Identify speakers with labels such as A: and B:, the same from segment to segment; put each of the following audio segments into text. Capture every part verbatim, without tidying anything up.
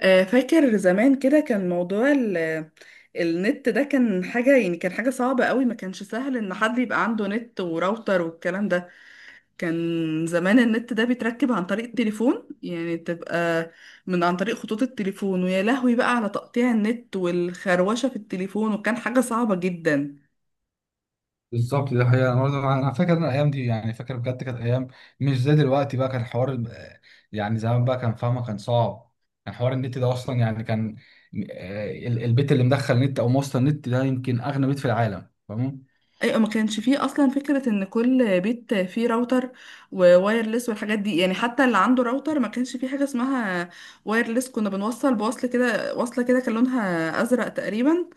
A: آه، فاكر زمان كده كان موضوع ال- النت ده كان حاجة يعني كان حاجة صعبة قوي، ما كانش سهل ان حد يبقى عنده نت وراوتر والكلام ده. كان زمان النت ده بيتركب عن طريق التليفون، يعني تبقى من عن طريق خطوط التليفون، ويا لهوي بقى على تقطيع النت والخروشة في التليفون، وكان حاجة صعبة جدا.
B: بالظبط ده حقيقة. أنا برضه أنا فاكر إن الأيام دي، يعني فاكر بجد، كانت أيام مش زي دلوقتي بقى. كان حوار ال- يعني زمان بقى، كان فاهمة كان صعب. كان حوار النت ده أصلا يعني كان، آه، ال- البيت اللي مدخل نت أو موصل نت ده يمكن أغنى بيت في العالم، فاهم؟
A: ايوه، ما كانش فيه اصلا فكره ان كل بيت فيه راوتر ووايرلس والحاجات دي، يعني حتى اللي عنده راوتر ما كانش فيه حاجه اسمها وايرلس. كنا بنوصل بوصل كده، وصله كده كان لونها ازرق تقريبا،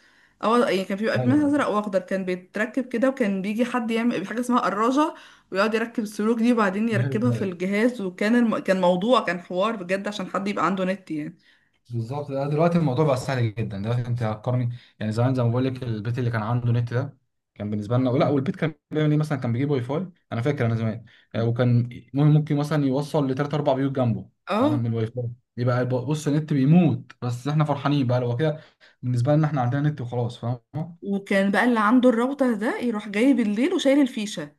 A: او يعني كان بيبقى منها
B: ايوه،
A: ازرق واخضر. كان بيتركب كده، وكان بيجي حد يعمل حاجه اسمها قراجه، ويقعد يركب السلوك دي، وبعدين يركبها في
B: أيوة.
A: الجهاز. وكان الم... كان موضوع كان حوار بجد عشان حد يبقى عنده نت يعني.
B: بالظبط. لا، دلوقتي الموضوع بقى سهل جدا. دلوقتي انت هتقارني؟ يعني زمان زي ما بقول لك، البيت اللي كان عنده نت ده كان بالنسبه لنا، لا، والبيت كان بيعمل ايه مثلا؟ كان بيجيب واي فاي. انا فاكر انا زمان، آه، وكان مهم، ممكن مثلا يوصل لثلاث اربع بيوت جنبه، فاهم؟
A: اه،
B: من الواي فاي. يبقى بص، النت بيموت، بس احنا فرحانين بقى لو كده. بالنسبه لنا احنا عندنا نت وخلاص، فاهم؟
A: وكان بقى اللي عنده الراوتر ده يروح جاي بالليل وشايل الفيشه.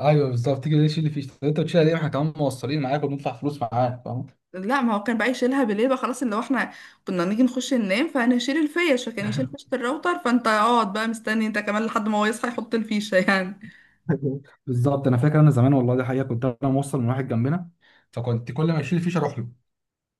B: ايوه بالظبط. تيجي تشيل اللي فيه، طب انت بتشيل ليه؟ ما احنا كمان موصلين معاك وبندفع فلوس معاك، فاهم؟
A: لا، ما هو كان بقى يشيلها بالليل بقى خلاص، اللي هو احنا كنا نيجي نخش ننام فانا اشيل الفيش، فكان يشيل فيشه الراوتر، فانت اقعد بقى مستني انت كمان لحد ما هو يصحى يحط الفيشه يعني.
B: بالظبط. انا فاكر انا زمان، والله دي حقيقه، كنت انا موصل من واحد جنبنا، فكنت كل ما اشيل الفيشه اروح له،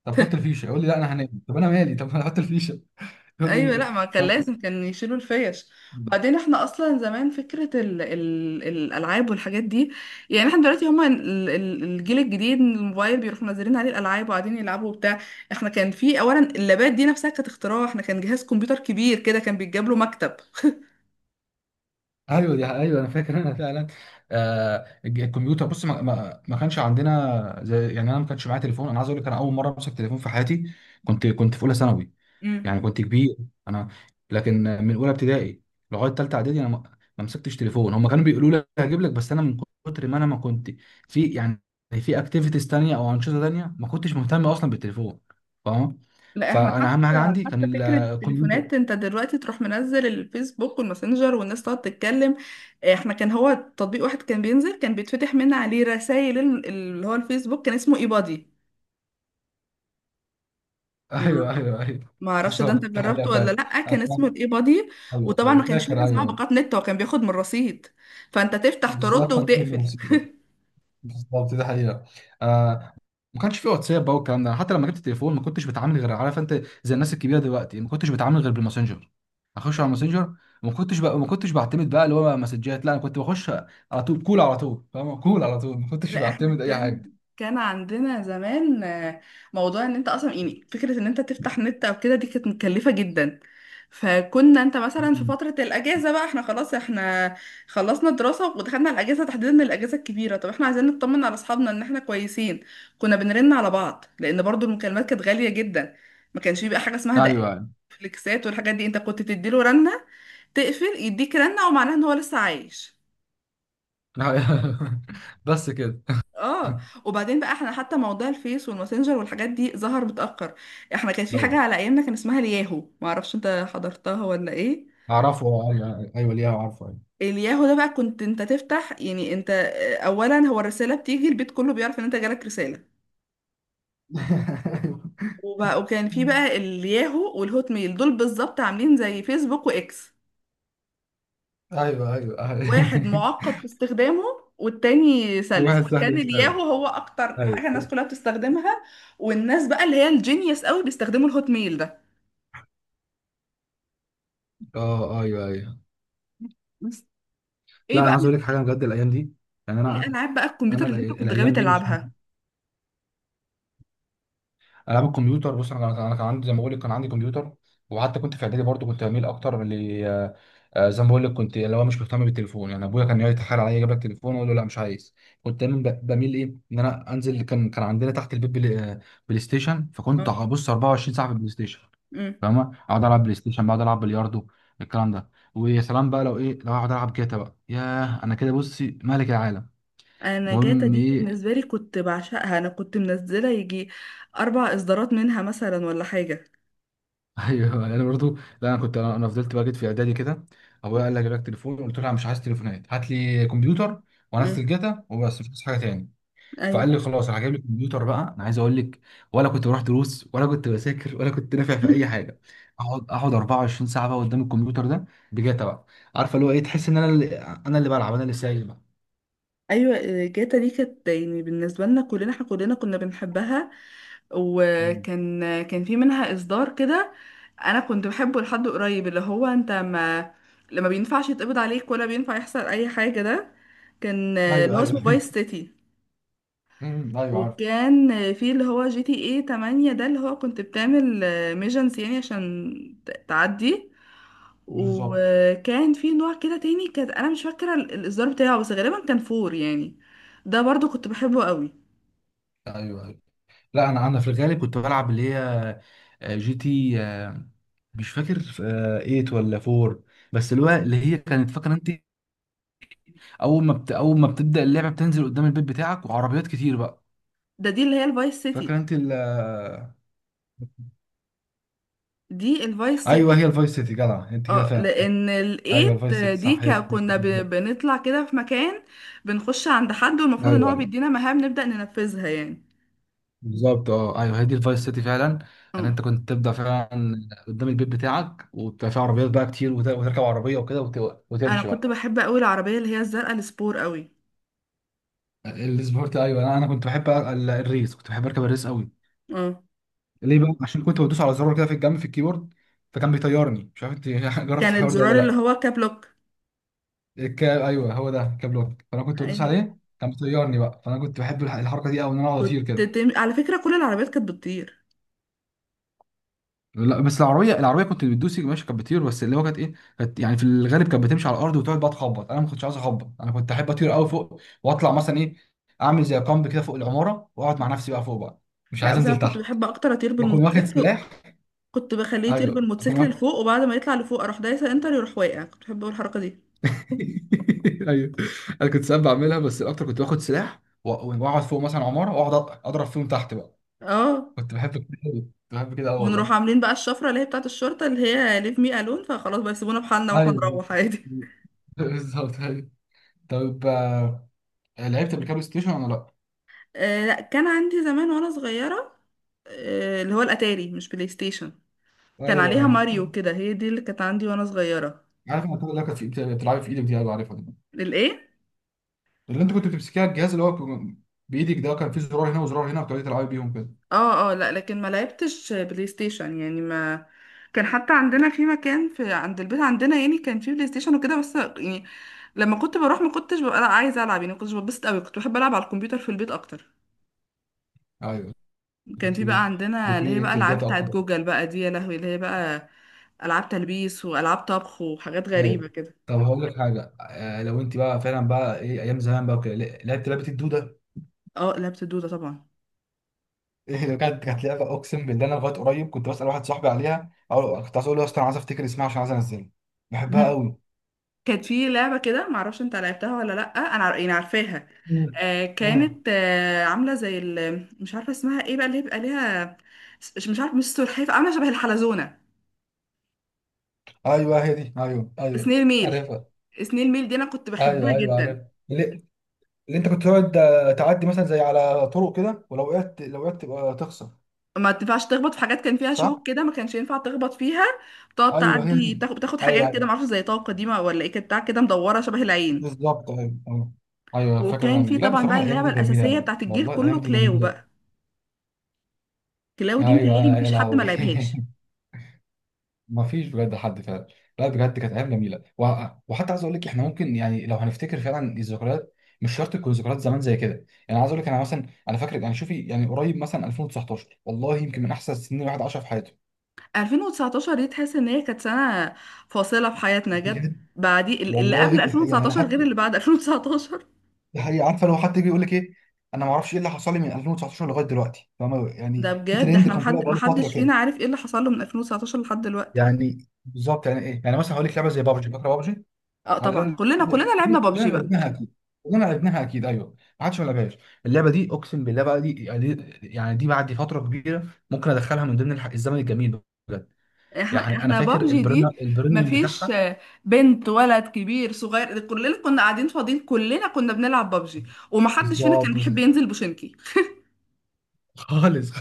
B: طب حط الفيشه، يقول لي لا انا هنام، طب انا مالي؟ طب انا حط الفيشه. يقول
A: ايوه،
B: لي،
A: لا، ما كان
B: فاهم؟
A: لازم كان يشيلوا الفيش. بعدين احنا اصلا زمان فكره ال ال الالعاب والحاجات دي، يعني احنا دلوقتي هما ال- ال- الجيل الجديد، الموبايل بيروحوا منزلين عليه الالعاب وقاعدين يلعبوا وبتاع. احنا كان في اولا اللابات دي نفسها كانت اختراع، احنا كان جهاز كمبيوتر كبير كده كان بيتجاب له مكتب.
B: ايوه دي ايوه انا فاكر انا فعلا. آه الج- الكمبيوتر بص، ما, ما, ما كانش عندنا زي يعني. انا ما كانش معايا تليفون. انا عايز اقول لك انا اول مره امسك تليفون في حياتي كنت كنت في اولى ثانوي،
A: مم.
B: يعني كنت كبير. انا لكن من اولى ابتدائي لغايه ثالثه اعدادي انا ما ما مسكتش تليفون. هم كانوا بيقولوا لي هجيب لك، بس انا من كتر ما انا ما كنت في، يعني في اكتيفيتيز تانية او انشطه تانية، ما كنتش مهتم اصلا بالتليفون، فاهم؟
A: لا، احنا
B: فانا اهم حاجه
A: حتى
B: عندي
A: حتى
B: كان
A: فكرة
B: الكمبيوتر.
A: التليفونات انت دلوقتي تروح منزل الفيسبوك والماسنجر والناس تقعد تتكلم. آه، احنا كان هو تطبيق واحد كان بينزل، كان بيتفتح من عليه رسائل اللي هو الفيسبوك، كان اسمه ايبادي. ما
B: ايوه ايوه ايوه.
A: ما اعرفش ده انت
B: بالظبط ده حقيقه
A: جربته ولا
B: فعلا.
A: لا؟
B: انا
A: كان اسمه
B: كمان-
A: الايبادي.
B: ايوه
A: وطبعا
B: ايوه،
A: ما كانش في حاجه
B: فاكر، ايوه
A: اسمها
B: ايوه.
A: باقات نت، هو كان بياخد من الرصيد، فانت تفتح ترد
B: بالظبط كان في
A: وتقفل.
B: الموسيقى. بالظبط ده حقيقه. آه. ما كانش في واتساب بقى والكلام ده. حتى لما جبت التليفون ما كنتش بتعامل، غير عارف انت زي الناس الكبيره دلوقتي، ما كنتش بتعامل غير بالماسنجر. اخش على الماسنجر، وما كنتش بقى، ما كنتش بعتمد بقى اللي هو بقى مسجات، لا انا كنت بخش على طول كول، على طول، فاهم؟ كول على طول، ما كنتش
A: لا، احنا
B: بعتمد اي
A: كان
B: حاجه.
A: كان عندنا زمان آه، موضوع ان انت اصلا، يعني فكرة ان انت تفتح نت او كده دي كانت مكلفة جدا. فكنا انت مثلا في
B: مم.
A: فترة الاجازة بقى، احنا خلاص احنا خلصنا دراسة ودخلنا الاجازة، تحديدا الاجازة الكبيرة، طب احنا عايزين نطمن على اصحابنا ان احنا كويسين. كنا بنرن على بعض لان برضو المكالمات كانت غالية جدا، ما كانش بيبقى حاجة اسمها دقائق
B: ايوه
A: فليكسات والحاجات دي. انت كنت تديله رنة تقفل، يديك رنة، ومعناها ان هو لسه عايش.
B: ايوه. بس كده.
A: اه، وبعدين بقى احنا حتى موضوع الفيس والماسنجر والحاجات دي ظهر متأخر. احنا كانت في
B: ايوه
A: حاجة على ايامنا كان اسمها الياهو، معرفش انت حضرتها ولا ايه.
B: اعرفه، ايوه ايوه، ليه اعرفه، ايوه.
A: الياهو ده بقى كنت انت تفتح، يعني انت آه، اولا هو الرسالة بتيجي البيت كله بيعرف ان انت جالك رسالة. وبقى وكان في بقى الياهو والهوت ميل دول بالظبط عاملين زي فيسبوك واكس،
B: ايوه ايوه،
A: واحد
B: أيوة.
A: معقد في استخدامه والتاني سلس،
B: واحد سهل
A: كان
B: يستوعب.
A: الياهو هو اكتر حاجة الناس
B: ايوه.
A: كلها بتستخدمها. والناس بقى اللي هي الجينيوس قوي بيستخدموا الهوت ميل ده.
B: اه ايوه ايوه.
A: ايه
B: لا انا
A: بقى
B: عايز اقول لك حاجه بجد، الايام دي يعني
A: ايه
B: انا،
A: العاب بقى الكمبيوتر
B: انا
A: اللي انت
B: الأي-
A: كنت غاوي
B: الايام دي مش،
A: تلعبها؟
B: العاب الكمبيوتر بص، انا أنا كان عندي زي ما بقول لك، كان عندي كمبيوتر، وحتى كنت في اعدادي برضو كنت بميل اكتر ل، آه، آه، زي ما بقول لك كنت اللي هو مش مهتم بالتليفون. يعني ابويا كان يقعد يتحايل عليا اجيب لك تليفون، اقول له لا مش عايز. كنت دايما ب- بميل ايه، ان انا انزل. كان كان عندنا تحت البيت بلاي, آه، بلاي ستيشن، فكنت
A: اه،
B: هبص أربعة وعشرين ساعه في البلاي ستيشن،
A: امم
B: فاهمه؟ اقعد العب بلاي ستيشن، بقعد العب بلياردو، الكلام ده. ويا سلام بقى لو ايه، لو اقعد العب جاتا بقى، ياه، انا كده بصي ملك العالم.
A: انا جاتا
B: المهم
A: دي
B: ايه،
A: بالنسبه لي كنت بعشقها، انا كنت منزله يجي اربع اصدارات منها مثلا ولا حاجه.
B: ايوه انا برضو. لا انا كنت، انا فضلت بقى جيت في اعدادي كده، ابويا قال لي اجيب لك تليفون، قلت له انا مش عايز تليفونات، هات لي كمبيوتر وانزل
A: امم
B: جاتا وبس، مش عايز حاجه تاني. فقال
A: ايوه
B: لي خلاص انا هجيب لك كمبيوتر. بقى انا عايز اقول لك، ولا كنت بروح دروس ولا كنت بذاكر ولا كنت نافع في اي حاجه. اقعد اقعد أربعة وعشرين ساعه بقى قدام الكمبيوتر ده بجاتا بقى. عارفه اللي هو ايه؟ تحس ان انا اللي، انا اللي بلعب، انا اللي سايق بقى.
A: ايوه. جاتا دي كانت، يعني بالنسبه لنا كلنا احنا كلنا كنا بنحبها.
B: مم.
A: وكان كان في منها اصدار كده انا كنت بحبه لحد قريب، اللي هو انت ما لما بينفعش يتقبض عليك ولا بينفع يحصل اي حاجه ده، كان اللي
B: ايوه
A: هو
B: ايوه.
A: اسمه فايس سيتي.
B: أمم، ايوه عارف.
A: وكان في اللي هو جي تي ايه ثمانية ده، اللي هو كنت بتعمل ميجنز يعني عشان ت- تعدي.
B: بالظبط
A: وكان في نوع كده تاني، كانت انا مش فاكره ال- الاصدار بتاعه بس غالبا كان فور يعني، ده برضو كنت بحبه قوي.
B: ايوه ايوه. لا انا انا في الغالب كنت بلعب اللي هي، آه، جي تي آه، مش فاكر آه، تمانية ولا أربعة، بس الوقت اللي هي كانت، فاكره انت اول ما بت... اول ما بتبدا اللعبه بتنزل قدام البيت بتاعك وعربيات كتير بقى،
A: ده دي اللي هي الفايس
B: فاكره
A: سيتي،
B: انت ال... آه،
A: دي الفايس
B: ايوه
A: سيتي.
B: هي الفايس سيتي، جدع انت كده
A: اه،
B: فعلا.
A: لان
B: ايوه
A: الايت
B: الفايس سيتي
A: دي
B: صح، هي
A: كا-
B: دي.
A: كنا ب-
B: بالظبط.
A: بنطلع كده في مكان، بنخش عند حد، والمفروض ان
B: ايوه
A: هو
B: ايوه
A: بيدينا مهام نبدأ ننفذها يعني.
B: بالظبط. اه ايوه هي دي الفايس سيتي فعلا. ان
A: اه،
B: انت كنت تبدا فعلا قدام البيت بتاعك، وبتبقى فيه عربيات بقى كتير، وت... وتركب عربيه وكده، وت...
A: انا
B: وتمشي
A: كنت
B: بقى.
A: بحب قوي العربيه اللي هي الزرقاء السبور قوي.
B: السبورت ايوه، انا أنا كنت بحب ال- الريس، كنت بحب اركب الريس قوي.
A: اه،
B: ليه بقى؟ عشان كنت بدوس على زرار كده في الجنب في الكيبورد فكان بيطيرني. مش عارف انت جربت
A: كان
B: الحوار ده ولا
A: الزرار اللي
B: لا.
A: هو كابلوك.
B: الكاب ايوه، هو ده كابلوك، فانا كنت بدوس
A: يعني
B: عليه كان بيطيرني بقى، فانا كنت بحب الح- الحركه دي قوي، ان انا اقعد اطير
A: كنت
B: كده.
A: تم... على فكرة كل العربيات كانت بتطير.
B: لا بس، العربيه العربيه كنت بتدوسي ماشي كانت بتطير، بس اللي هو كانت ايه، كانت يعني في الغالب كانت بتمشي على الارض، وتقعد بقى تخبط. انا ما كنتش عايز اخبط، انا كنت احب اطير قوي فوق، واطلع مثلا ايه، اعمل زي كامب كده فوق العماره، واقعد مع نفسي بقى فوق بقى، مش
A: لا
B: عايز
A: بس انا
B: انزل
A: كنت
B: تحت.
A: بحب اكتر اطير
B: واكون واخد
A: بالموتوسيكل،
B: سلاح.
A: كنت بخليه يطير
B: ايوه
A: بالموتوسيكل
B: اكون،
A: لفوق وبعد ما يطلع لفوق اروح دايسة انتر يروح واقع، كنت بحب أوي الحركة دي.
B: ايوه. انا كنت ساعات بعملها، بس الاكتر كنت باخد سلاح و- واقعد فوق مثلا عماره، واقعد أ- اضرب فيهم تحت بقى.
A: اه،
B: كنت بحب كده أوي. كنت بحب كده، اه
A: ونروح
B: والله.
A: عاملين بقى الشفرة اللي هي بتاعة الشرطة اللي هي ليف مي الون، فخلاص بقى يسيبونا بحالنا واحنا
B: ايوه
A: نروح عادي.
B: بالظبط ايوه. طب آه، لعبت قبل كده بلاي ستيشن ولا لا؟
A: آه لا، كان عندي زمان وانا صغيرة، آه اللي هو الاتاري مش بلاي ستيشن، كان
B: ايوه
A: عليها
B: ايوه
A: ماريو كده، هي دي اللي كانت عندي وانا صغيرة.
B: عارف، انا اللي كانت في بت- بتلعبي في ايدك دي، ايوه عارفها دي،
A: الايه؟
B: اللي انت كنت بتمسكيها، الجهاز اللي هو كان بايدك ده، كان فيه زرار هنا وزرار هنا وبتقعدي تلعبي بيهم كده.
A: اه، اه، لا، لكن ما لعبتش بلاي ستيشن، يعني ما كان، حتى عندنا في مكان في عند البيت عندنا يعني كان في بلاي ستيشن وكده، بس يعني لما كنت بروح ما كنتش ببقى عايزه العب، يعني ما كنتش ببسط قوي، كنت بحب العب على الكمبيوتر في البيت اكتر.
B: ايوه.
A: كان
B: كنت
A: في
B: بت-
A: بقى عندنا اللي
B: بتميل
A: هي بقى
B: انت
A: العاب
B: لجاتا
A: بتاعت
B: اكتر.
A: جوجل بقى دي، يا لهوي اللي هي بقى العاب تلبيس والعاب طبخ وحاجات
B: ايوه.
A: غريبه كده.
B: طب هقول لك حاجه، آه، لو انت بقى فعلا بقى ايه، ايام زمان بقى وكده، ل- لعبت لعبه الدوده؟
A: اه، لعبت الدوده طبعا.
B: ايه، لو كانت، كانت لعبه اقسم بالله انا لغايه قريب كنت بسال واحد صاحبي عليها، او كنت عايز اقول له يا اسطى انا عايز افتكر اسمها عشان عايز انزلها، بحبها قوي.
A: كانت في لعبة كده معرفش انت لعبتها ولا لأ، انا عار- يعني عارفاها.
B: امم.
A: آه
B: امم.
A: كانت آه عاملة زي ال... مش عارفة اسمها ايه بقى اللي هي بيبقى ليها. مش مش عارفة، مش سلحفاة، عاملة شبه الحلزونة.
B: ايوه هي دي ايوه ايوه.
A: سنيل ميل.
B: عارفها.
A: سنيل ميل دي انا كنت بحبها
B: ايوه ايوه
A: جدا.
B: عارفها، اللي, اللي انت كنت تقعد آه، تعدي مثلا زي على طرق كده، ولو وقعت، لو وقعت تبقى تخسر،
A: ما تنفعش تخبط في حاجات كان فيها
B: صح؟
A: شوك كده، ما كانش ينفع تخبط فيها. بتقعد
B: ايوه هي
A: تعدي،
B: دي،
A: بتاخد بتاخد حاجات كده
B: ايوه،
A: معرفش، زي طاقة قديمة ولا ايه، كانت بتاع كده مدورة شبه العين.
B: بالظبط. ايوه ايوه ايوه، فاكر
A: وكان
B: الايام
A: في
B: دي. لا
A: طبعا
B: بصراحه
A: بقى
B: الايام
A: اللعبة
B: دي جميله
A: الأساسية
B: قوي،
A: بتاعت الجيل
B: والله
A: كله،
B: الايام دي
A: كلاو
B: جميله.
A: بقى. كلاو دي
B: ايوه
A: متهيألي
B: يا
A: مفيش حد ما
B: لهوي،
A: لعبهاش.
B: ما فيش بجد حد فعلا. لا بجد كانت ايام جميله، و- وحتى عايز اقول لك احنا ممكن، يعني لو هنفتكر فعلا الذكريات، مش شرط تكون ذكريات زمان زي كده. يعني عايز اقول لك انا مثلا، انا فاكر يعني، شوفي يعني قريب مثلا ألفين وتسعة عشر، والله يمكن من احسن السنين الواحد عاشها في حياته.
A: ألفين وتسعة عشر دي تحس ان هي كانت سنة فاصلة في حياتنا جت
B: بجد.
A: بعدي، ال- اللي
B: والله
A: قبل
B: دي حقيقه يعني،
A: ألفين وتسعتاشر غير
B: حتى
A: اللي بعد ألفين وتسعتاشر.
B: دي حقيقه. عارفه لو حد يجي يقول لك ايه، انا ما اعرفش ايه اللي حصل لي من ألفين وتسعتاشر لغايه دلوقتي، فاهمه؟ يعني
A: ده
B: في
A: بجد، ده
B: ترند
A: احنا
B: كان طالع
A: محد
B: بقاله فتره
A: محدش فينا
B: كده
A: عارف ايه اللي حصل له من ألفين وتسعتاشر لحد دلوقتي.
B: يعني. بالظبط، يعني ايه؟ يعني مثلا هقول لك لعبه زي بابجي، فاكره بابجي؟
A: اه،
B: على
A: طبعا
B: الأقل
A: كلنا كلنا لعبنا
B: كلنا
A: بابجي بقى.
B: لعبناها اكيد، كلنا لعبناها اكيد، ايوه ما حدش ما لعبهاش. اللعبه دي اقسم بالله بقى، دي يعني، يعني دي بعد فتره كبيره ممكن ادخلها من ضمن الح- الزمن الجميل، بجد.
A: احنا
B: يعني انا
A: احنا
B: فاكر
A: بابجي
B: البريميوم،
A: دي،
B: البريميوم
A: مفيش
B: بتاعها.
A: آه، بنت ولد كبير صغير، كلنا كنا قاعدين فاضيين، كلنا كنا بنلعب بابجي، ومحدش فينا كان
B: بالظبط بس-
A: بيحب ينزل بوشنكي.
B: خالص.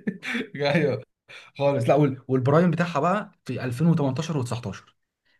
B: ايوه خالص. لا وال- والبرايم بتاعها بقى في ألفين وتمنتاشر و19،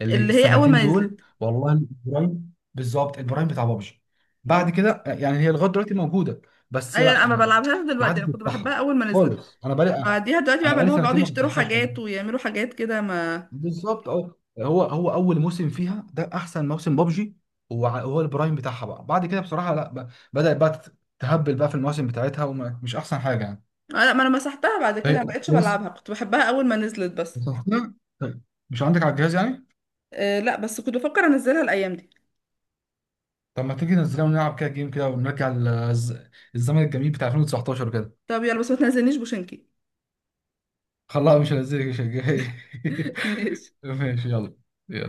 B: اللي
A: اللي هي اول
B: السنتين
A: ما
B: دول،
A: نزلت.
B: والله البرايم بالظبط، البرايم بتاع بابجي. بعد
A: اه،
B: كده آه، يعني هي لغايه دلوقتي موجوده، بس
A: ايوه،
B: لا
A: انا ما
B: ما،
A: بلعبهاش
B: ما
A: دلوقتي،
B: حدش
A: انا كنت
B: بيفتحها
A: بحبها اول ما نزلت.
B: خالص. انا بقالي آه،
A: بعديها دلوقتي
B: انا
A: بقى
B: بقالي
A: اللي هو
B: سنتين
A: بيقعدوا
B: ما
A: يشتروا
B: بفتحهاش والله.
A: حاجات ويعملوا حاجات كده، ما
B: بالظبط. اه هو، هو اول موسم فيها ده احسن موسم بابجي. وع- وهو البرايم بتاعها بقى. بعد كده بصراحه لا ب- بدات بقى تت- تهبل بقى في المواسم بتاعتها، ومش احسن حاجه يعني.
A: انا ما انا مسحتها بعد كده،
B: طيب،
A: ما بقتش
B: كويس.
A: بلعبها، كنت بحبها اول ما نزلت بس.
B: مسحتها؟ طيب، مش عندك على الجهاز يعني.
A: آه لا، بس كنت بفكر انزلها الايام دي.
B: طب ما تيجي ننزلها ونلعب كده جيم كده، ونرجع للز- الزمن الجميل بتاع ألفين وتسعتاشر كده.
A: طب يلا بس ما تنزلنيش بوشنكي.
B: خلاص مش هنزلك، مش هنزلك.
A: ماشي
B: ماشي، يلا.